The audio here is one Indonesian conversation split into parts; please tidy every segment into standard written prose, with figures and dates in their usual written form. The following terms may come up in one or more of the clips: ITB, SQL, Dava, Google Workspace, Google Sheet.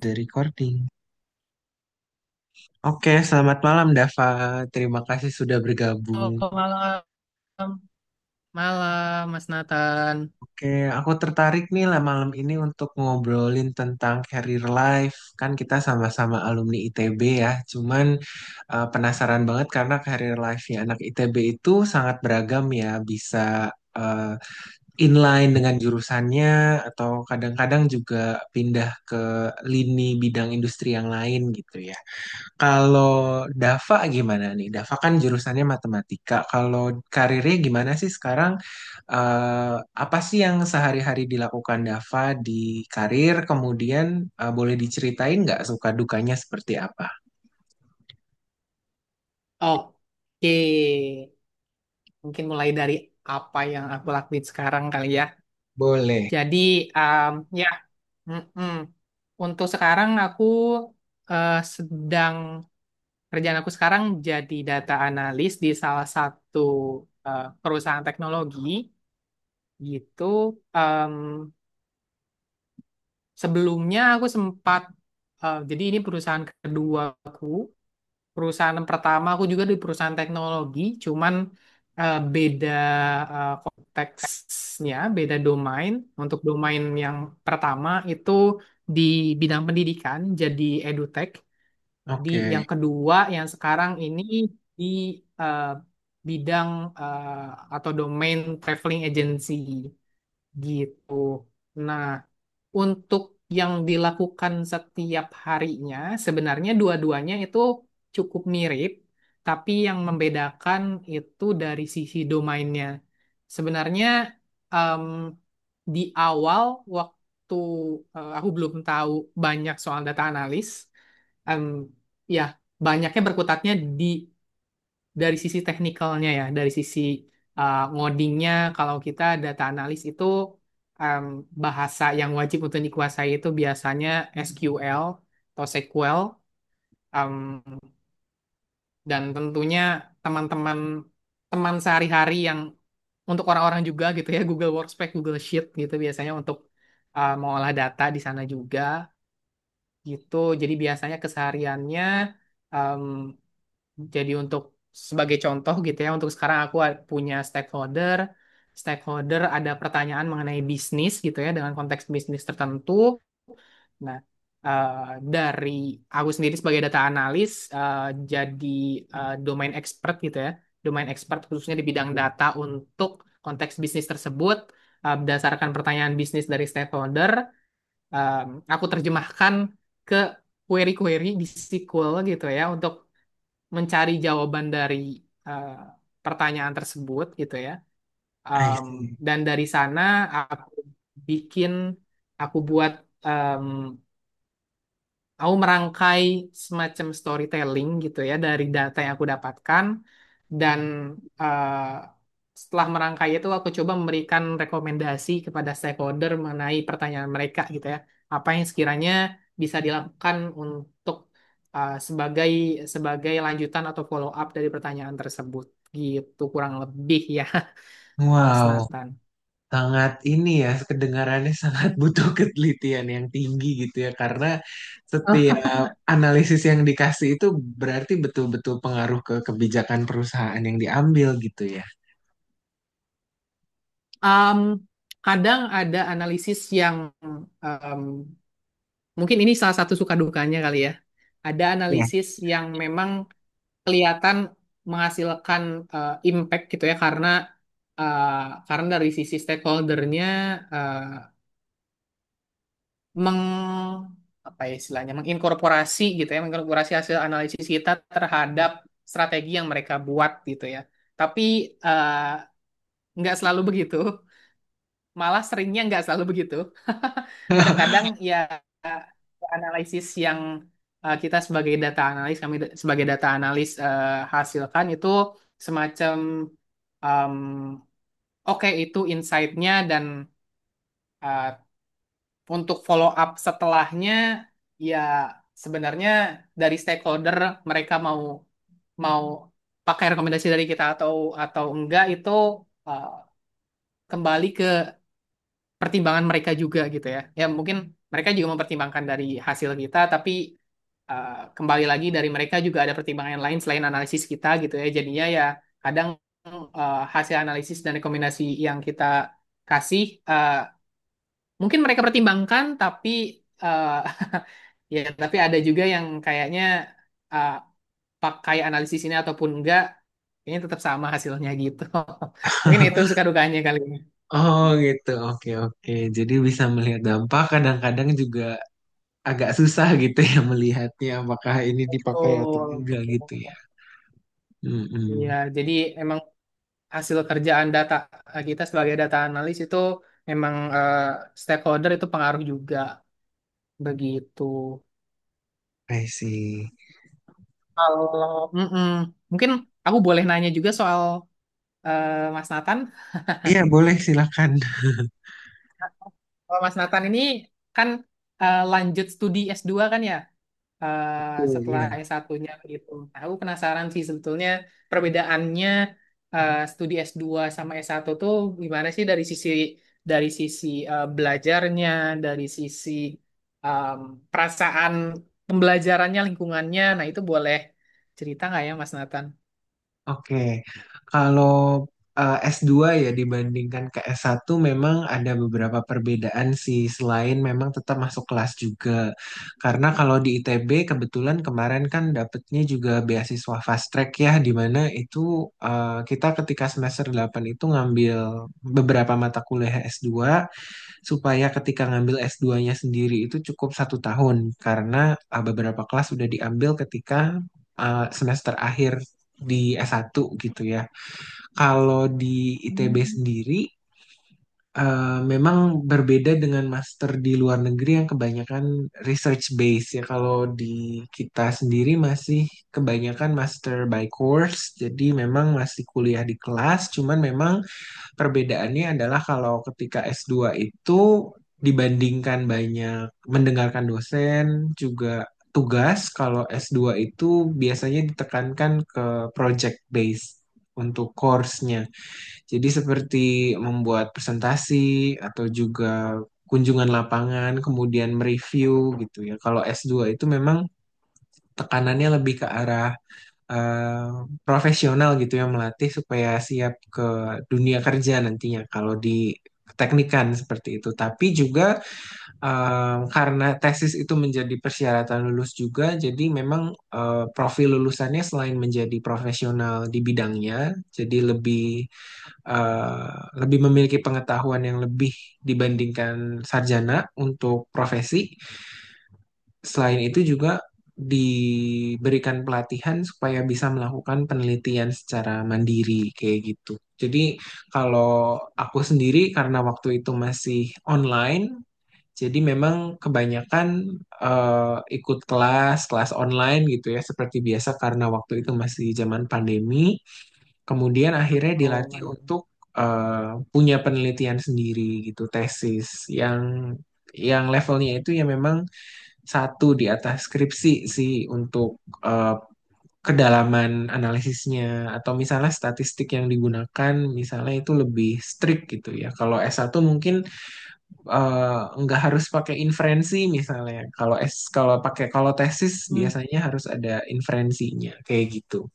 The recording. Oke, selamat malam Dava. Terima kasih sudah bergabung. Halo, malam. Malam, Mas Nathan. Oke, aku tertarik nih lah malam ini untuk ngobrolin tentang career life. Kan kita sama-sama alumni ITB ya. Cuman penasaran banget karena career life-nya anak ITB itu sangat beragam ya. Bisa eh, inline dengan jurusannya atau kadang-kadang juga pindah ke lini bidang industri yang lain gitu ya. Kalau Dava gimana nih? Dava kan jurusannya matematika. Kalau karirnya gimana sih sekarang? Eh, Apa sih yang sehari-hari dilakukan Dava di karir? Kemudian boleh diceritain nggak suka dukanya seperti apa? Oke, mungkin mulai dari apa yang aku lakuin sekarang kali ya. Boleh. Jadi, um, ya, mm-mm. Untuk sekarang aku eh, sedang, kerjaan aku sekarang jadi data analis di salah satu perusahaan teknologi, gitu. Em, sebelumnya aku jadi ini perusahaan keduaku. Perusahaan pertama aku juga di perusahaan teknologi, cuman eh, beda konteksnya beda domain. Untuk domain yang pertama itu di bidang pendidikan, jadi edutech. Di Oke. yang kedua, yang sekarang ini, di eh, bidang, eh, atau domain traveling agency gitu. Nah, untuk yang dilakukan setiap harinya, sebenarnya dua-duanya itu cukup mirip, tapi yang membedakan itu dari sisi domainnya. Sebenarnya, em, di awal waktu, aku belum tahu banyak soal data analis. em, ya, banyaknya berkutatnya di dari sisi teknikalnya ya, dari sisi ngodingnya. Kalau kita data analis itu, um, bahasa yang wajib untuk dikuasai itu biasanya SQL atau SQL, um, dan tentunya teman-teman sehari-hari yang untuk orang-orang juga gitu ya, Google Workspace, Google Sheet gitu biasanya untuk mengolah data di sana juga gitu. Jadi biasanya kesehariannya, um, jadi untuk sebagai contoh gitu ya, untuk sekarang aku punya stakeholder, ada pertanyaan mengenai bisnis gitu ya, dengan konteks bisnis tertentu. Nah, dari aku sendiri sebagai data analis, eh, jadi domain expert gitu ya, domain expert khususnya di bidang data untuk konteks bisnis tersebut, berdasarkan pertanyaan bisnis dari stakeholder, em, aku terjemahkan ke query-query di SQL gitu ya, untuk mencari jawaban dari eh, pertanyaan tersebut gitu ya. I Um, see. dan dari sana aku bikin, aku buat um, Aku merangkai semacam storytelling gitu ya dari data yang aku dapatkan, dan eh, setelah merangkai itu aku coba memberikan rekomendasi kepada stakeholder mengenai pertanyaan mereka gitu ya. Apa yang sekiranya bisa dilakukan untuk, sebagai sebagai lanjutan atau follow up dari pertanyaan tersebut, gitu kurang lebih ya. Mas Wow. Nathan. Sangat ini ya kedengarannya sangat butuh ketelitian yang tinggi gitu ya, karena Oh. setiap analisis yang dikasih itu berarti betul-betul pengaruh ke kebijakan perusahaan yang diambil gitu ya. Um, kadang ada analisis yang, um, mungkin ini salah satu suka dukanya kali ya, ada Iya. analisis yang memang kelihatan menghasilkan impact gitu ya, karena karena dari sisi stakeholdernya eh, meng apa ya istilahnya, menginkorporasi gitu ya, menginkorporasi hasil analisis kita terhadap strategi yang mereka buat gitu ya. Tapi eh, nggak selalu begitu. Malah seringnya nggak selalu begitu. Kadang-kadang ya, eh, analisis yang, kita sebagai data analis, sebagai data analis, hasilkan itu semacam, em, oke itu insight-nya, dan eh, untuk follow up setelahnya, ya sebenarnya dari stakeholder, mereka mau mau pakai rekomendasi dari kita atau enggak, itu eh, kembali ke pertimbangan mereka juga gitu ya. Ya mungkin mereka juga mempertimbangkan dari hasil kita, tapi eh, kembali lagi dari mereka juga ada pertimbangan lain selain analisis kita gitu ya. Jadinya ya kadang hasil analisis dan rekomendasi yang kita kasih, eh, mungkin mereka pertimbangkan, tapi eh, ya tapi ada juga yang kayaknya eh, pakai analisis ini ataupun enggak, kayaknya tetap sama hasilnya gitu. Mungkin itu suka dukanya kali ini. Oh gitu, oke oke. Jadi bisa melihat dampak kadang-kadang juga agak susah gitu ya, melihatnya apakah ini dipakai atau Betul, enggak betul. gitu ya. Iya, Mm-mm. jadi emang hasil kerjaan data kita sebagai data analis itu memang, stakeholder itu pengaruh juga begitu. I see. Kalau mungkin aku boleh nanya juga soal Mas Nathan. Iya, boleh silakan. Kalau Mas Nathan ini kan lanjut studi S2 kan ya? eh, Oh, setelah iya. S1-nya gitu. Nah, aku penasaran sih sebetulnya perbedaannya, studi S2 sama S1 tuh gimana sih dari sisi belajarnya, dari sisi em, perasaan pembelajarannya, lingkungannya. Nah, itu boleh cerita nggak ya, Mas Nathan? Oke, kalau S2 ya dibandingkan ke S1 memang ada beberapa perbedaan sih, selain memang tetap masuk kelas juga. Karena kalau di ITB kebetulan kemarin kan dapetnya juga beasiswa fast track ya, di mana itu kita ketika semester 8 itu ngambil beberapa mata kuliah S2 supaya ketika ngambil S2-nya sendiri itu cukup satu tahun, karena beberapa kelas sudah diambil ketika semester akhir di S1 gitu ya. Kalau di ITB Hmm. sendiri memang berbeda dengan master di luar negeri yang kebanyakan research base ya. Kalau di kita sendiri masih kebanyakan master by course, jadi memang masih kuliah di kelas, cuman memang perbedaannya adalah kalau ketika S2 itu dibandingkan banyak mendengarkan dosen juga tugas, kalau S2 itu biasanya ditekankan ke project base untuk course-nya. Jadi seperti membuat presentasi atau juga kunjungan lapangan, kemudian mereview gitu ya. Kalau S2 itu memang tekanannya lebih ke arah eh, profesional gitu, yang melatih supaya siap ke dunia kerja nantinya kalau di teknikan seperti itu. Tapi juga karena tesis itu menjadi persyaratan lulus juga, jadi memang profil lulusannya selain menjadi profesional di bidangnya, jadi eh, lebih memiliki pengetahuan yang lebih dibandingkan sarjana untuk profesi. Selain itu juga diberikan pelatihan supaya bisa melakukan penelitian secara mandiri kayak gitu. Jadi kalau aku sendiri karena waktu itu masih online, jadi memang kebanyakan ikut kelas, kelas online gitu ya, seperti biasa karena waktu itu masih zaman pandemi. Kemudian akhirnya Oh, dilatih man. untuk punya penelitian sendiri gitu, tesis yang yang levelnya itu ya memang satu di atas skripsi sih untuk eh, kedalaman analisisnya atau misalnya statistik yang digunakan misalnya itu lebih strict gitu ya. Kalau S1 mungkin nggak harus pakai inferensi misalnya. Kalau S kalau pakai kalau tesis Hmm. biasanya harus ada inferensinya kayak gitu.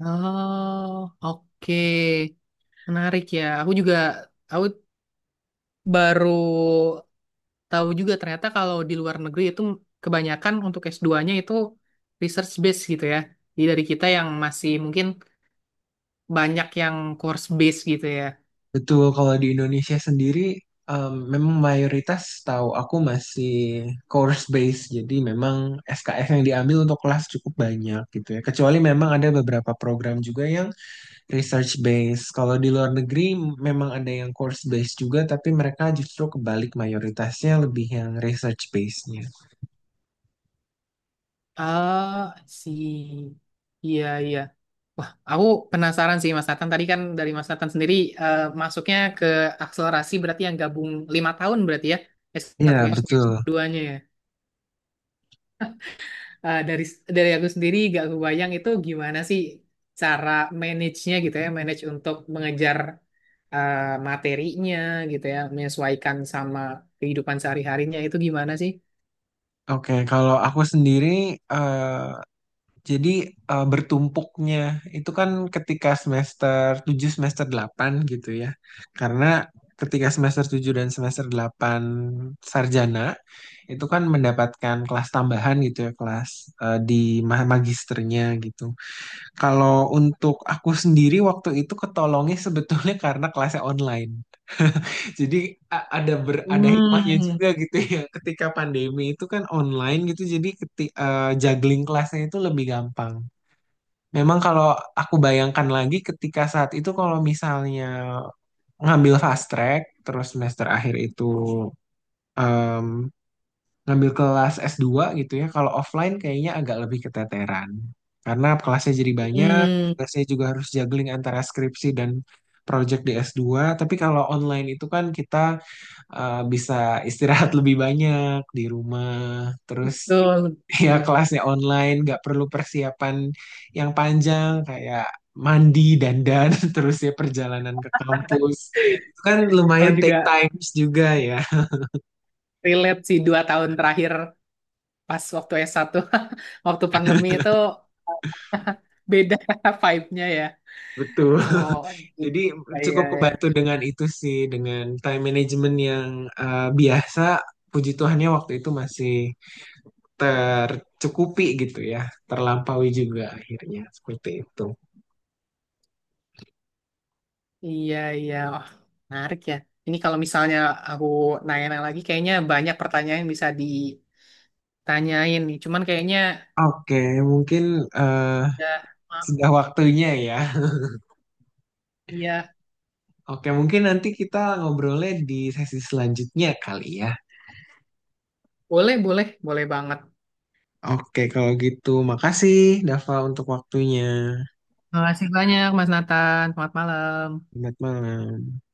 Oh, oke. Menarik ya. Aku baru tahu juga ternyata kalau di luar negeri itu kebanyakan untuk S2-nya itu research based gitu ya. Jadi dari kita yang masih mungkin banyak yang course based gitu ya. Betul, kalau di Indonesia sendiri memang mayoritas tahu aku masih course based, jadi memang SKS yang diambil untuk kelas cukup banyak gitu ya. Kecuali memang ada beberapa program juga yang research based. Kalau di luar negeri memang ada yang course based juga, tapi mereka justru kebalik mayoritasnya lebih yang research based-nya. Ah, si iya, iya. Wah, aku penasaran sih Mas Nathan. Tadi kan dari Mas Nathan sendiri masuknya ke akselerasi, berarti yang gabung 5 tahun berarti ya, s Iya, satu betul. S2-nya ya. Dari aku sendiri gak kebayang itu gimana sih cara manage-nya gitu ya, manage untuk mengejar eh, materinya gitu ya, menyesuaikan sama kehidupan sehari-harinya itu gimana sih? Oke, kalau aku sendiri eh, jadi bertumpuknya itu kan ketika semester 7 semester 8 gitu ya. Karena ketika semester 7 dan semester 8 sarjana itu kan mendapatkan kelas tambahan gitu ya, kelas di magisternya gitu. Kalau untuk aku sendiri waktu itu ketolongnya sebetulnya karena kelasnya online. Jadi ada hikmahnya Hmm, juga gitu ya. Ketika pandemi itu kan online gitu jadi juggling kelasnya itu lebih gampang. Memang kalau aku bayangkan lagi ketika saat itu kalau misalnya ngambil fast track terus semester akhir itu em, ngambil kelas S2 gitu ya, kalau offline kayaknya agak lebih keteteran karena kelasnya jadi banyak, hmm, saya juga harus juggling antara skripsi dan project di S2. Tapi kalau online itu kan kita bisa istirahat lebih banyak di rumah. betul, Terus ya betul. kelasnya online, nggak perlu persiapan yang panjang kayak mandi, dandan, terus ya perjalanan ke kampus. Itu kan Aku lumayan take juga times juga ya, relate sih 2 tahun terakhir pas waktu S1, waktu pandemi itu, beda vibe-nya ya. betul. So, Jadi iya, cukup kebantu iya. dengan itu sih, dengan time management yang biasa. Puji Tuhannya waktu itu masih tercukupi gitu ya, terlampaui juga akhirnya seperti itu. Iya, iya. Wah, menarik ya. Ini kalau misalnya aku nanya-nanya lagi, kayaknya banyak pertanyaan yang bisa ditanyain nih. Cuman kayaknya, Oke, mungkin eh, ya, maaf. sudah waktunya ya. Iya, Oke, mungkin nanti kita ngobrolnya di sesi selanjutnya kali ya. boleh, boleh, boleh banget. Oke, kalau gitu makasih Dava untuk waktunya. Terima kasih banyak, Mas Nathan. Selamat malam. Selamat malam.